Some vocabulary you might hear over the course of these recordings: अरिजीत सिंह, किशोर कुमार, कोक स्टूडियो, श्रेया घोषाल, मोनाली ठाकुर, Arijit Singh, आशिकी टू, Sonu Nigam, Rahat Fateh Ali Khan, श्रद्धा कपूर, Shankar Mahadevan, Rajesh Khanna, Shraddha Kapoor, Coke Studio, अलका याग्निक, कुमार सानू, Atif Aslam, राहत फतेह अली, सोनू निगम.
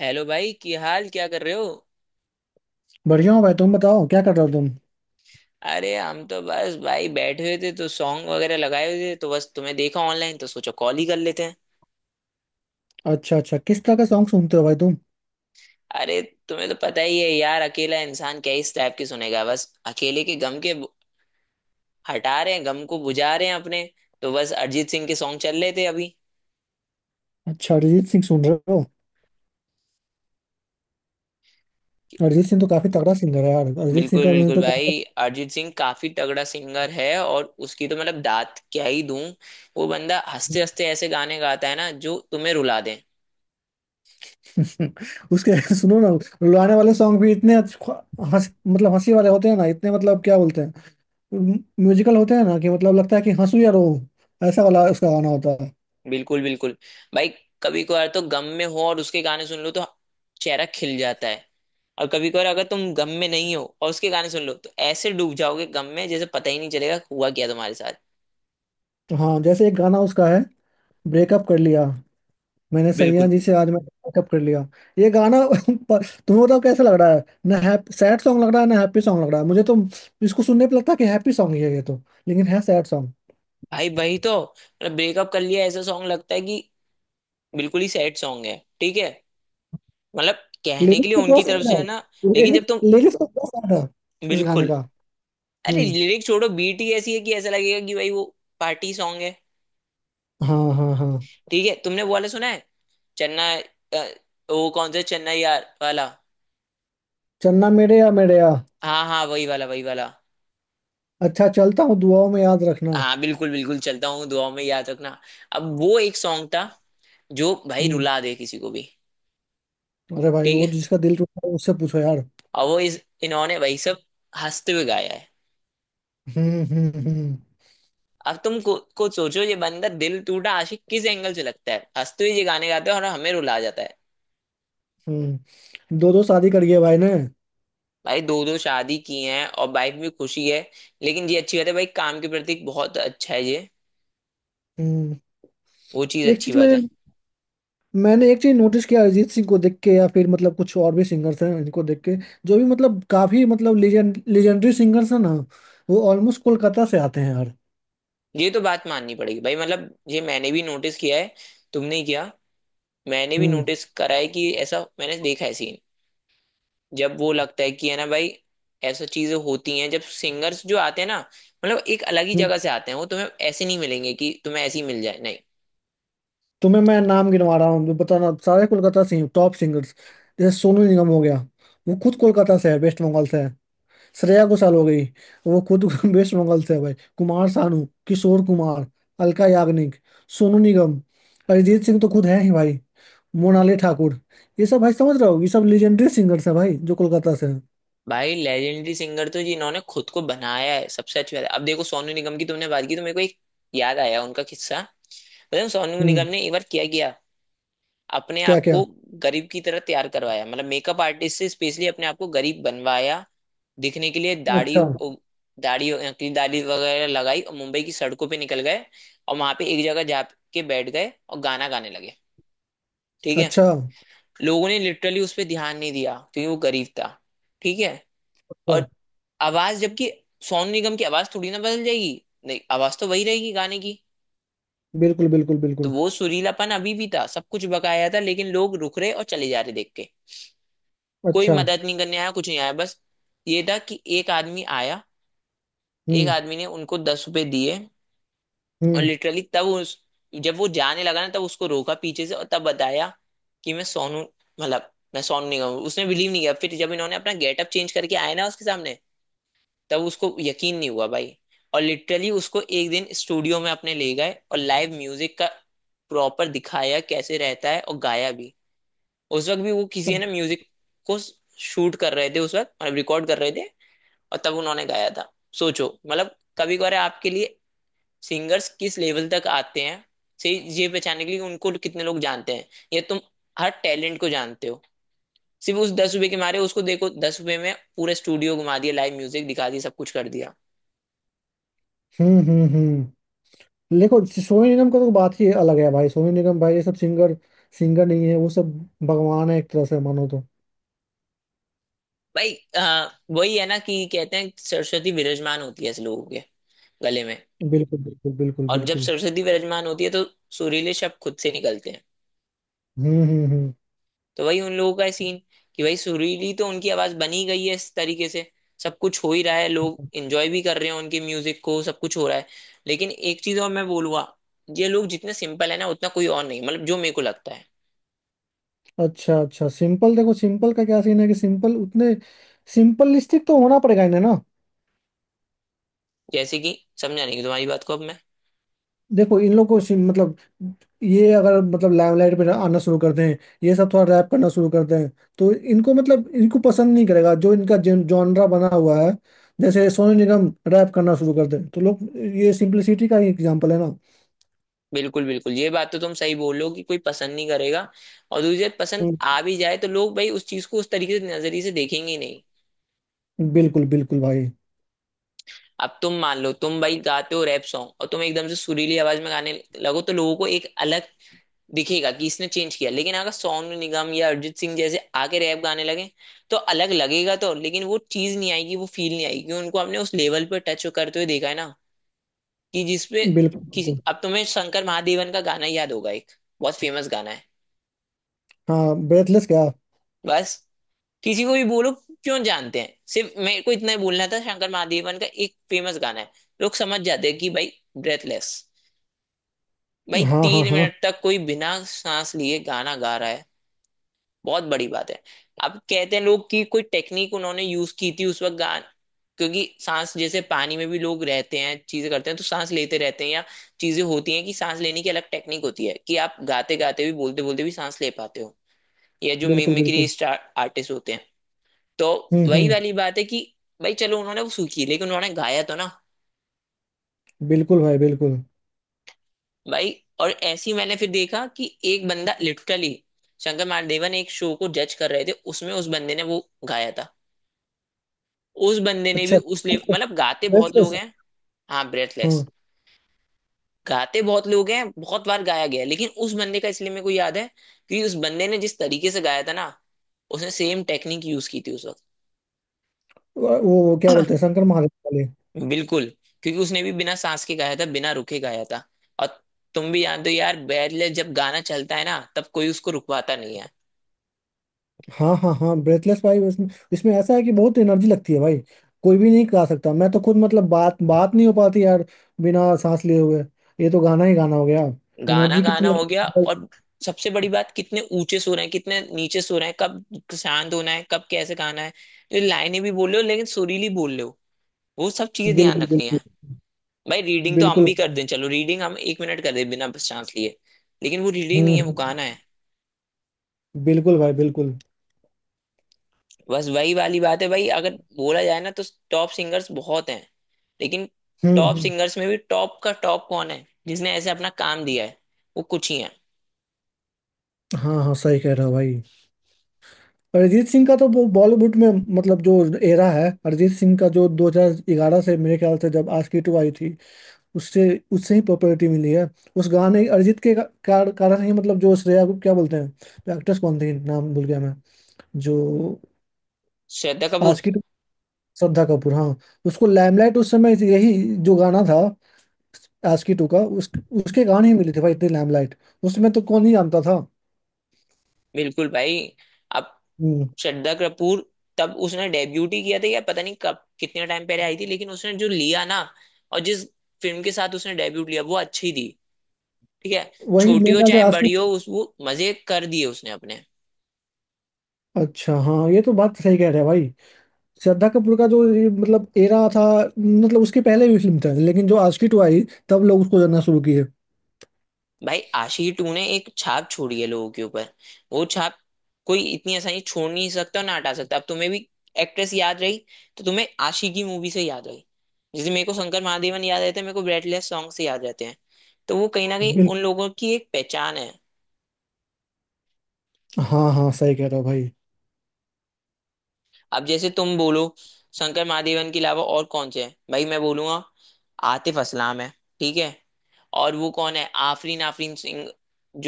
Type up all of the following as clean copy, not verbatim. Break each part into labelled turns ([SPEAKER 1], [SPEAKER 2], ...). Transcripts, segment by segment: [SPEAKER 1] Hello भाई की हाल क्या कर रहे हो।
[SPEAKER 2] बढ़िया हो भाई। तुम बताओ क्या कर रहे हो तुम?
[SPEAKER 1] अरे हम तो बस भाई बैठे हुए थे तो सॉन्ग वगैरह लगाए हुए थे तो बस तुम्हें देखा ऑनलाइन तो सोचा कॉल ही कर लेते हैं।
[SPEAKER 2] अच्छा अच्छा, किस तरह का सॉन्ग सुनते हो भाई तुम?
[SPEAKER 1] अरे तुम्हें तो पता ही है यार अकेला इंसान क्या इस टाइप की सुनेगा बस अकेले के गम के हटा रहे हैं गम को बुझा रहे हैं अपने। तो बस अरिजीत सिंह के सॉन्ग चल रहे थे अभी।
[SPEAKER 2] अच्छा, अरिजीत सिंह सुन रहे हो। अरिजीत सिंह तो काफी तगड़ा सिंगर है यार। अरिजीत सिंह
[SPEAKER 1] बिल्कुल
[SPEAKER 2] का मैंने
[SPEAKER 1] बिल्कुल
[SPEAKER 2] तो
[SPEAKER 1] भाई।
[SPEAKER 2] कॉन्सर्ट
[SPEAKER 1] अरिजीत सिंह काफी तगड़ा सिंगर है और उसकी तो मतलब दात क्या ही दूं। वो बंदा हंसते हंसते ऐसे गाने गाता है ना जो तुम्हें रुला दे।
[SPEAKER 2] उसके सुनो ना। लुभाने वाले सॉन्ग भी इतने हंस, हंसी वाले होते हैं ना इतने, क्या बोलते हैं, म्यूजिकल होते हैं ना। कि लगता है कि हंसू या रो, ऐसा वाला उसका गाना होता है।
[SPEAKER 1] बिल्कुल बिल्कुल भाई। कभी कभार तो गम में हो और उसके गाने सुन लो तो चेहरा खिल जाता है। और कभी कभार अगर तुम गम में नहीं हो और उसके गाने सुन लो तो ऐसे डूब जाओगे गम में जैसे पता ही नहीं चलेगा हुआ क्या तुम्हारे साथ।
[SPEAKER 2] तो हाँ, जैसे एक गाना उसका है, ब्रेकअप कर लिया मैंने सैया
[SPEAKER 1] बिल्कुल।
[SPEAKER 2] जी से आज मैं, अप कर लिया। ये गाना तुम्हें बताओ कैसा लग रहा है ना। हैप सैड सॉन्ग लग रहा है ना, हैप्पी सॉन्ग लग रहा है। मुझे तो इसको सुनने पे लगता है कि हैप्पी सॉन्ग ही है ये तो, लेकिन है सैड सॉन्ग।
[SPEAKER 1] भाई वही तो मतलब ब्रेकअप कर लिया ऐसा सॉन्ग लगता है कि बिल्कुल ही सैड सॉन्ग है ठीक है। मतलब कहने के
[SPEAKER 2] लिरिक्स
[SPEAKER 1] लिए
[SPEAKER 2] तो पूरा
[SPEAKER 1] उनकी तरफ
[SPEAKER 2] सैड
[SPEAKER 1] से है ना,
[SPEAKER 2] है।
[SPEAKER 1] लेकिन जब
[SPEAKER 2] लिरिक्स
[SPEAKER 1] तुम।
[SPEAKER 2] लिरिक्स तो पूरा सैड है इस गाने
[SPEAKER 1] बिल्कुल।
[SPEAKER 2] का।
[SPEAKER 1] अरे
[SPEAKER 2] हम्म।
[SPEAKER 1] लिरिक्स छोड़ो बीट ही ऐसी है कि ऐसा लगेगा कि भाई वो पार्टी सॉन्ग है।
[SPEAKER 2] हाँ हाँ हाँ।
[SPEAKER 1] ठीक है, तुमने वो वाला सुना है? चेन्नई अ, वो कौन सा चेन्नई यार वाला?
[SPEAKER 2] चन्ना मेरे या मेरे या।
[SPEAKER 1] हाँ हाँ वही वाला वही वाला।
[SPEAKER 2] अच्छा, चलता हूँ दुआओं में याद रखना।
[SPEAKER 1] हाँ बिल्कुल बिल्कुल, चलता हूँ दुआ में याद रखना। अब वो एक सॉन्ग था जो भाई
[SPEAKER 2] हम्म।
[SPEAKER 1] रुला दे किसी को भी।
[SPEAKER 2] अरे भाई,
[SPEAKER 1] ठीक
[SPEAKER 2] वो
[SPEAKER 1] है।
[SPEAKER 2] जिसका दिल टूटा है उससे पूछो यार।
[SPEAKER 1] और वो इस इन्होंने वही सब हंसते हुए गाया है।
[SPEAKER 2] हम्म।
[SPEAKER 1] अब तुम को खुद सोचो ये बंदा दिल टूटा आशिक किस एंगल से लगता है, हंसते हुए ये गाने गाते हैं और हमें रुला जाता है।
[SPEAKER 2] हम्म, दो दो शादी करी है भाई ने।
[SPEAKER 1] भाई दो दो शादी की हैं और वाइफ भी खुशी है। लेकिन ये अच्छी बात है, भाई काम के प्रति बहुत अच्छा है ये।
[SPEAKER 2] हम्म।
[SPEAKER 1] वो चीज
[SPEAKER 2] एक
[SPEAKER 1] अच्छी
[SPEAKER 2] चीज
[SPEAKER 1] बात
[SPEAKER 2] मैंने,
[SPEAKER 1] है।
[SPEAKER 2] मैंने एक चीज नोटिस किया अरिजीत सिंह को देख के, या फिर कुछ और भी सिंगर्स हैं इनको देख के, जो भी काफी लेजेंडरी सिंगर्स हैं ना, वो ऑलमोस्ट कोलकाता से आते हैं यार।
[SPEAKER 1] ये तो बात माननी पड़ेगी भाई, मतलब ये मैंने भी नोटिस किया है। तुमने ही किया, मैंने भी
[SPEAKER 2] हम्म।
[SPEAKER 1] नोटिस करा है कि ऐसा मैंने देखा है सीन। जब वो लगता है कि है ना भाई ऐसा चीजें होती हैं, जब सिंगर्स जो आते हैं ना मतलब एक अलग ही
[SPEAKER 2] हम्म।
[SPEAKER 1] जगह से आते हैं, वो तुम्हें ऐसे नहीं मिलेंगे कि तुम्हें ऐसे ही मिल जाए, नहीं।
[SPEAKER 2] तुम्हें मैं नाम गिनवा रहा हूँ, बताना, सारे कोलकाता से ही टॉप सिंगर्स। जैसे सोनू निगम हो गया, वो खुद कोलकाता से है, वेस्ट बंगाल से है। श्रेया घोषाल हो गई, वो खुद वेस्ट बंगाल से है भाई। कुमार सानू, किशोर कुमार, अलका याग्निक, सोनू निगम, अरिजीत सिंह तो खुद है ही भाई, मोनाली ठाकुर। ये सब भाई, समझ रहे हो, ये सब लेजेंडरी सिंगर्स हैं भाई जो कोलकाता से हैं।
[SPEAKER 1] भाई लेजेंडरी सिंगर तो जिन्होंने खुद को बनाया है सबसे अच्छी बात है। अब देखो सोनू निगम की तुमने बात की तो मेरे को एक याद आया उनका किस्सा, मतलब सोनू
[SPEAKER 2] हम्म।
[SPEAKER 1] निगम ने एक बार क्या किया, अपने
[SPEAKER 2] क्या
[SPEAKER 1] आप
[SPEAKER 2] क्या?
[SPEAKER 1] को गरीब की तरह तैयार करवाया मतलब मेकअप आर्टिस्ट से स्पेशली अपने आप को गरीब बनवाया दिखने के लिए, दाढ़ी
[SPEAKER 2] अच्छा।
[SPEAKER 1] दाढ़ी की दाढ़ी वगैरह लगाई और मुंबई की सड़कों पे निकल गए और वहां पे एक जगह जाके बैठ गए और गाना गाने लगे। ठीक है।
[SPEAKER 2] अच्छा।
[SPEAKER 1] लोगों ने लिटरली उस पर ध्यान नहीं दिया क्योंकि वो गरीब था। ठीक है।
[SPEAKER 2] अच्छा।
[SPEAKER 1] और आवाज, जबकि सोनू निगम की आवाज थोड़ी ना बदल जाएगी, नहीं आवाज तो वही रहेगी गाने की।
[SPEAKER 2] बिल्कुल बिल्कुल
[SPEAKER 1] तो
[SPEAKER 2] बिल्कुल।
[SPEAKER 1] वो सुरीलापन अभी भी था, सब कुछ बकाया था, लेकिन लोग रुक रहे और चले जा रहे देख के, कोई
[SPEAKER 2] अच्छा।
[SPEAKER 1] मदद नहीं करने आया कुछ नहीं आया। बस ये था कि एक आदमी आया, एक
[SPEAKER 2] हम्म
[SPEAKER 1] आदमी ने उनको 10 रुपए दिए। और
[SPEAKER 2] हम्म।
[SPEAKER 1] लिटरली तब उस जब वो जाने लगा ना तब उसको रोका पीछे से और तब बताया कि मैं सोनू मतलब मैं सोनू निगम हूँ। उसने बिलीव नहीं किया, फिर जब इन्होंने अपना गेटअप चेंज करके आए ना उसके सामने तब उसको यकीन नहीं हुआ भाई। और लिटरली उसको एक दिन स्टूडियो में अपने ले गए और लाइव म्यूजिक का प्रॉपर दिखाया कैसे रहता है और गाया भी। उस वक्त भी वो किसी है
[SPEAKER 2] अच्छा।
[SPEAKER 1] ना म्यूजिक को शूट कर रहे थे उस वक्त मतलब रिकॉर्ड कर रहे थे, और तब उन्होंने गाया था। सोचो मतलब कभी कभार आपके लिए सिंगर्स किस लेवल तक आते हैं, से ये पहचानने के लिए उनको कितने लोग जानते हैं, या तुम हर टैलेंट को जानते हो? सिर्फ उस 10 रुपए के मारे उसको देखो, 10 रुपए में पूरे स्टूडियो घुमा दिया, लाइव म्यूजिक दिखा दिया, सब कुछ कर दिया।
[SPEAKER 2] हम्म। देखो सोनू निगम का तो बात ही अलग है भाई। सोनू निगम, भाई ये सब सिंगर, सिंगर नहीं है वो सब, भगवान है एक तरह से मानो तो।
[SPEAKER 1] भाई वही है ना कि कहते हैं सरस्वती विराजमान होती है ऐसे लोगों के गले में।
[SPEAKER 2] बिल्कुल बिल्कुल बिल्कुल
[SPEAKER 1] और जब
[SPEAKER 2] बिल्कुल।
[SPEAKER 1] सरस्वती विराजमान होती है तो सुरीले शब्द खुद से निकलते हैं।
[SPEAKER 2] हम्म।
[SPEAKER 1] तो वही उन लोगों का सीन कि भाई सुरीली तो उनकी आवाज बनी गई है इस तरीके से, सब कुछ हो ही रहा है, लोग एंजॉय भी कर रहे हैं उनके म्यूजिक को, सब कुछ हो रहा है। लेकिन एक चीज और मैं बोलूंगा, ये लोग जितने सिंपल है ना उतना कोई और नहीं, मतलब जो मेरे को लगता है।
[SPEAKER 2] अच्छा अच्छा, सिंपल, देखो सिंपल का क्या सीन है कि सिंपल, उतने सिंपलिस्टिक तो होना पड़ेगा इन्हें ना।
[SPEAKER 1] जैसे कि समझा नहीं तुम्हारी बात को अब मैं।
[SPEAKER 2] देखो इन लोग को ये अगर लाइमलाइट पे आना शुरू करते हैं, ये सब थोड़ा रैप करना शुरू करते हैं, तो इनको इनको पसंद नहीं करेगा जो इनका जॉनरा बना हुआ है। जैसे सोनू निगम रैप करना शुरू करते हैं तो लोग, ये सिंपलिसिटी का ही एग्जाम्पल है ना।
[SPEAKER 1] बिल्कुल बिल्कुल, ये बात तो तुम सही बोल रहे हो कि कोई पसंद नहीं करेगा, और दूसरी बात पसंद
[SPEAKER 2] हम्म,
[SPEAKER 1] आ भी जाए तो लोग भाई उस चीज को उस तरीके से नजरिए से देखेंगे ही नहीं।
[SPEAKER 2] बिल्कुल बिल्कुल भाई।
[SPEAKER 1] अब तुम मान लो तुम भाई गाते हो रैप सॉन्ग और तुम एकदम से सुरीली आवाज में गाने लगो तो लोगों को एक अलग दिखेगा कि इसने चेंज किया, लेकिन अगर सोनू निगम या अरिजीत सिंह जैसे आके रैप गाने लगे तो अलग लगेगा, तो लेकिन वो चीज नहीं आएगी वो फील नहीं आएगी क्योंकि उनको आपने उस लेवल पे टच करते हुए देखा है ना कि जिसपे,
[SPEAKER 2] बिल्कुल
[SPEAKER 1] कि
[SPEAKER 2] बिल्कुल।
[SPEAKER 1] अब तुम्हें शंकर महादेवन का गाना याद होगा, एक बहुत फेमस गाना है।
[SPEAKER 2] हाँ, ब्रेथलेस क्या।
[SPEAKER 1] बस किसी को भी बोलो, क्यों जानते हैं सिर्फ मेरे को इतना ही बोलना था शंकर महादेवन का एक फेमस गाना है, लोग समझ जाते हैं कि भाई ब्रेथलेस। भाई
[SPEAKER 2] हाँ हाँ
[SPEAKER 1] तीन
[SPEAKER 2] हाँ।
[SPEAKER 1] मिनट तक कोई बिना सांस लिए गाना गा रहा है, बहुत बड़ी बात है। अब कहते हैं लोग कि कोई टेक्निक उन्होंने यूज की थी उस वक्त गान क्योंकि सांस, जैसे पानी में भी लोग रहते हैं चीजें करते हैं तो सांस लेते रहते हैं, या चीजें होती हैं कि सांस लेने की अलग टेक्निक होती है कि आप गाते गाते भी बोलते बोलते भी सांस ले पाते हो, या जो
[SPEAKER 2] बिल्कुल
[SPEAKER 1] मिमिक्री
[SPEAKER 2] बिल्कुल।
[SPEAKER 1] आर्टिस्ट होते हैं। तो
[SPEAKER 2] हम्म।
[SPEAKER 1] वही वाली बात है कि भाई चलो उन्होंने वो सूखी लेकिन उन्होंने गाया तो ना।
[SPEAKER 2] बिल्कुल भाई बिल्कुल।
[SPEAKER 1] भाई और ऐसे ही मैंने फिर देखा कि एक बंदा लिटरली शंकर महादेवन एक शो को जज कर रहे थे उसमें उस बंदे ने वो गाया था। उस बंदे ने भी
[SPEAKER 2] अच्छा,
[SPEAKER 1] उस ले मतलब गाते बहुत लोग
[SPEAKER 2] ब्रेथलेस।
[SPEAKER 1] हैं। हाँ ब्रेथलेस।
[SPEAKER 2] हाँ।
[SPEAKER 1] गाते बहुत लोग हैं, बहुत बार गाया गया है, लेकिन उस बंदे का इसलिए मेरे को याद है कि उस बंदे ने जिस तरीके से गाया था ना, उसने सेम टेक्निक यूज की थी उस वक्त।
[SPEAKER 2] वो क्या बोलते हैं, शंकर महादेव वाले।
[SPEAKER 1] बिल्कुल। क्योंकि उसने भी बिना सांस के गाया था, बिना रुके गाया था। और तुम भी याद हो यार, बैरले जब गाना चलता है ना तब कोई उसको रुकवाता नहीं है।
[SPEAKER 2] हाँ हाँ हाँ, ब्रेथलेस भाई। इसमें, इसमें ऐसा है कि बहुत एनर्जी लगती है भाई। कोई भी नहीं गा सकता। मैं तो खुद बात, बात नहीं हो पाती यार बिना सांस लिए हुए। ये तो गाना ही गाना हो गया।
[SPEAKER 1] गाना
[SPEAKER 2] एनर्जी
[SPEAKER 1] गाना
[SPEAKER 2] कितनी
[SPEAKER 1] हो
[SPEAKER 2] लगती
[SPEAKER 1] गया,
[SPEAKER 2] है भाई।
[SPEAKER 1] और सबसे बड़ी बात कितने ऊंचे सुर हैं, कितने नीचे सुर हैं, कब शांत होना है, कब कैसे गाना है, तो ये लाइनें भी बोल रहे हो लेकिन सुरीली बोल रहे हो, वो सब चीजें ध्यान
[SPEAKER 2] बिल्कुल
[SPEAKER 1] रखनी है।
[SPEAKER 2] बिल्कुल
[SPEAKER 1] भाई रीडिंग तो हम
[SPEAKER 2] बिल्कुल।
[SPEAKER 1] भी कर दें, चलो रीडिंग हम 1 मिनट कर दें बिना सांस लिए, लेकिन वो रीडिंग
[SPEAKER 2] हम्म
[SPEAKER 1] नहीं है, वो गाना
[SPEAKER 2] हम्म,
[SPEAKER 1] है।
[SPEAKER 2] बिल्कुल भाई बिल्कुल।
[SPEAKER 1] बस वही वाली बात है, भाई अगर बोला जाए ना तो टॉप सिंगर्स बहुत हैं, लेकिन
[SPEAKER 2] हम्म
[SPEAKER 1] टॉप
[SPEAKER 2] हम्म,
[SPEAKER 1] सिंगर्स में भी टॉप का टॉप कौन है जिसने ऐसे अपना काम दिया है, वो कुछ ही है।
[SPEAKER 2] हाँ हाँ सही कह रहा भाई। अरिजीत सिंह का तो, वो बॉलीवुड में जो एरा है अरिजीत सिंह का, जो 2011 से, मेरे ख्याल से जब आशिकी टू आई थी, उससे उससे ही पॉपुलैरिटी मिली है। उस गाने अरिजीत के कारण ही, जो श्रेया को क्या बोलते हैं, जो एक्ट्रेस कौन थी, नाम भूल गया मैं, जो
[SPEAKER 1] श्रद्धा कपूर।
[SPEAKER 2] आशिकी टू, श्रद्धा कपूर हाँ। उसको लैमलाइट उस समय यही जो गाना था आशिकी टू का, उस उसके गाने ही मिले थे भाई, इतने लैमलाइट, उसमें तो कौन ही जानता था।
[SPEAKER 1] बिल्कुल भाई। अब
[SPEAKER 2] हम्म,
[SPEAKER 1] श्रद्धा कपूर, तब उसने डेब्यूटी किया था या पता नहीं कब कितने टाइम पहले आई थी, लेकिन उसने जो लिया ना, और जिस फिल्म के साथ उसने डेब्यूट लिया वो अच्छी थी। ठीक है।
[SPEAKER 2] वही
[SPEAKER 1] छोटी
[SPEAKER 2] मेरे
[SPEAKER 1] हो
[SPEAKER 2] ख्याल से
[SPEAKER 1] चाहे बड़ी हो,
[SPEAKER 2] आशिकी।
[SPEAKER 1] उस वो मजे कर दिए उसने अपने।
[SPEAKER 2] अच्छा हाँ, ये तो बात सही कह रहे हैं भाई। श्रद्धा कपूर का जो ये एरा था, उसके पहले भी फिल्म था, लेकिन जो आशिकी टू आई, तब लोग उसको जानना शुरू किए।
[SPEAKER 1] भाई आशिकी टू ने एक छाप छोड़ी है लोगों के ऊपर। वो छाप कोई इतनी आसानी से छोड़ नहीं सकता और ना हटा सकता, अब तुम्हें भी एक्ट्रेस याद रही तो तुम्हें आशिकी मूवी से याद रही, जैसे मेरे को शंकर महादेवन याद रहते हैं मेरे को ब्रेटलेस सॉन्ग से याद रहते हैं, तो वो कहीं ना कहीं
[SPEAKER 2] बिल-
[SPEAKER 1] उन लोगों की एक पहचान है।
[SPEAKER 2] हाँ हाँ, सही कह रहे हो भाई।
[SPEAKER 1] अब जैसे तुम बोलो, शंकर महादेवन के अलावा और कौन से हैं भाई, मैं बोलूंगा आतिफ असलाम है। ठीक है। और वो कौन है आफरीन आफरीन सिंह,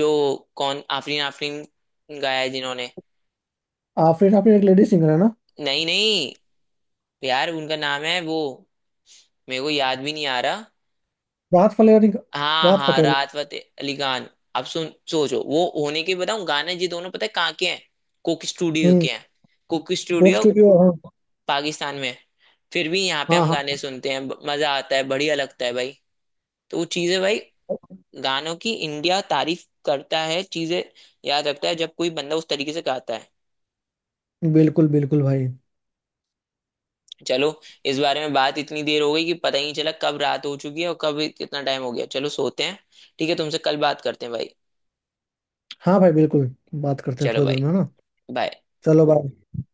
[SPEAKER 1] जो, कौन आफरीन आफरीन गाया है जिन्होंने,
[SPEAKER 2] आफरीन आफरीन एक लेडी सिंगर है ना।
[SPEAKER 1] नहीं नहीं यार उनका नाम है वो मेरे को याद भी नहीं आ रहा।
[SPEAKER 2] राहत फतेह अली।
[SPEAKER 1] हाँ
[SPEAKER 2] राहत
[SPEAKER 1] हाँ
[SPEAKER 2] फतेह अली।
[SPEAKER 1] राहत फतेह अली खान। अब सुन, सोचो वो होने के बताऊं गाने ये दोनों पता है कहाँ के हैं, कुक स्टूडियो
[SPEAKER 2] हम्म।
[SPEAKER 1] के हैं। कुक
[SPEAKER 2] कोक
[SPEAKER 1] स्टूडियो
[SPEAKER 2] स्टूडियो हाँ।
[SPEAKER 1] पाकिस्तान में है। फिर भी यहाँ पे
[SPEAKER 2] हाँ
[SPEAKER 1] हम गाने
[SPEAKER 2] हाँ
[SPEAKER 1] सुनते हैं, मजा आता है, बढ़िया लगता है भाई। तो वो चीजें भाई गानों की, इंडिया तारीफ करता है चीजें, याद रखता है जब कोई बंदा उस तरीके से गाता है।
[SPEAKER 2] बिल्कुल बिल्कुल भाई।
[SPEAKER 1] चलो, इस बारे में बात इतनी देर हो गई कि पता ही नहीं चला कब रात हो चुकी है और कब कितना टाइम हो गया, चलो सोते हैं। ठीक है, तुमसे कल बात करते हैं भाई।
[SPEAKER 2] हाँ भाई बिल्कुल। बात करते हैं
[SPEAKER 1] चलो
[SPEAKER 2] थोड़ी देर
[SPEAKER 1] भाई।
[SPEAKER 2] में, है ना।
[SPEAKER 1] बाय।
[SPEAKER 2] चलो बाय।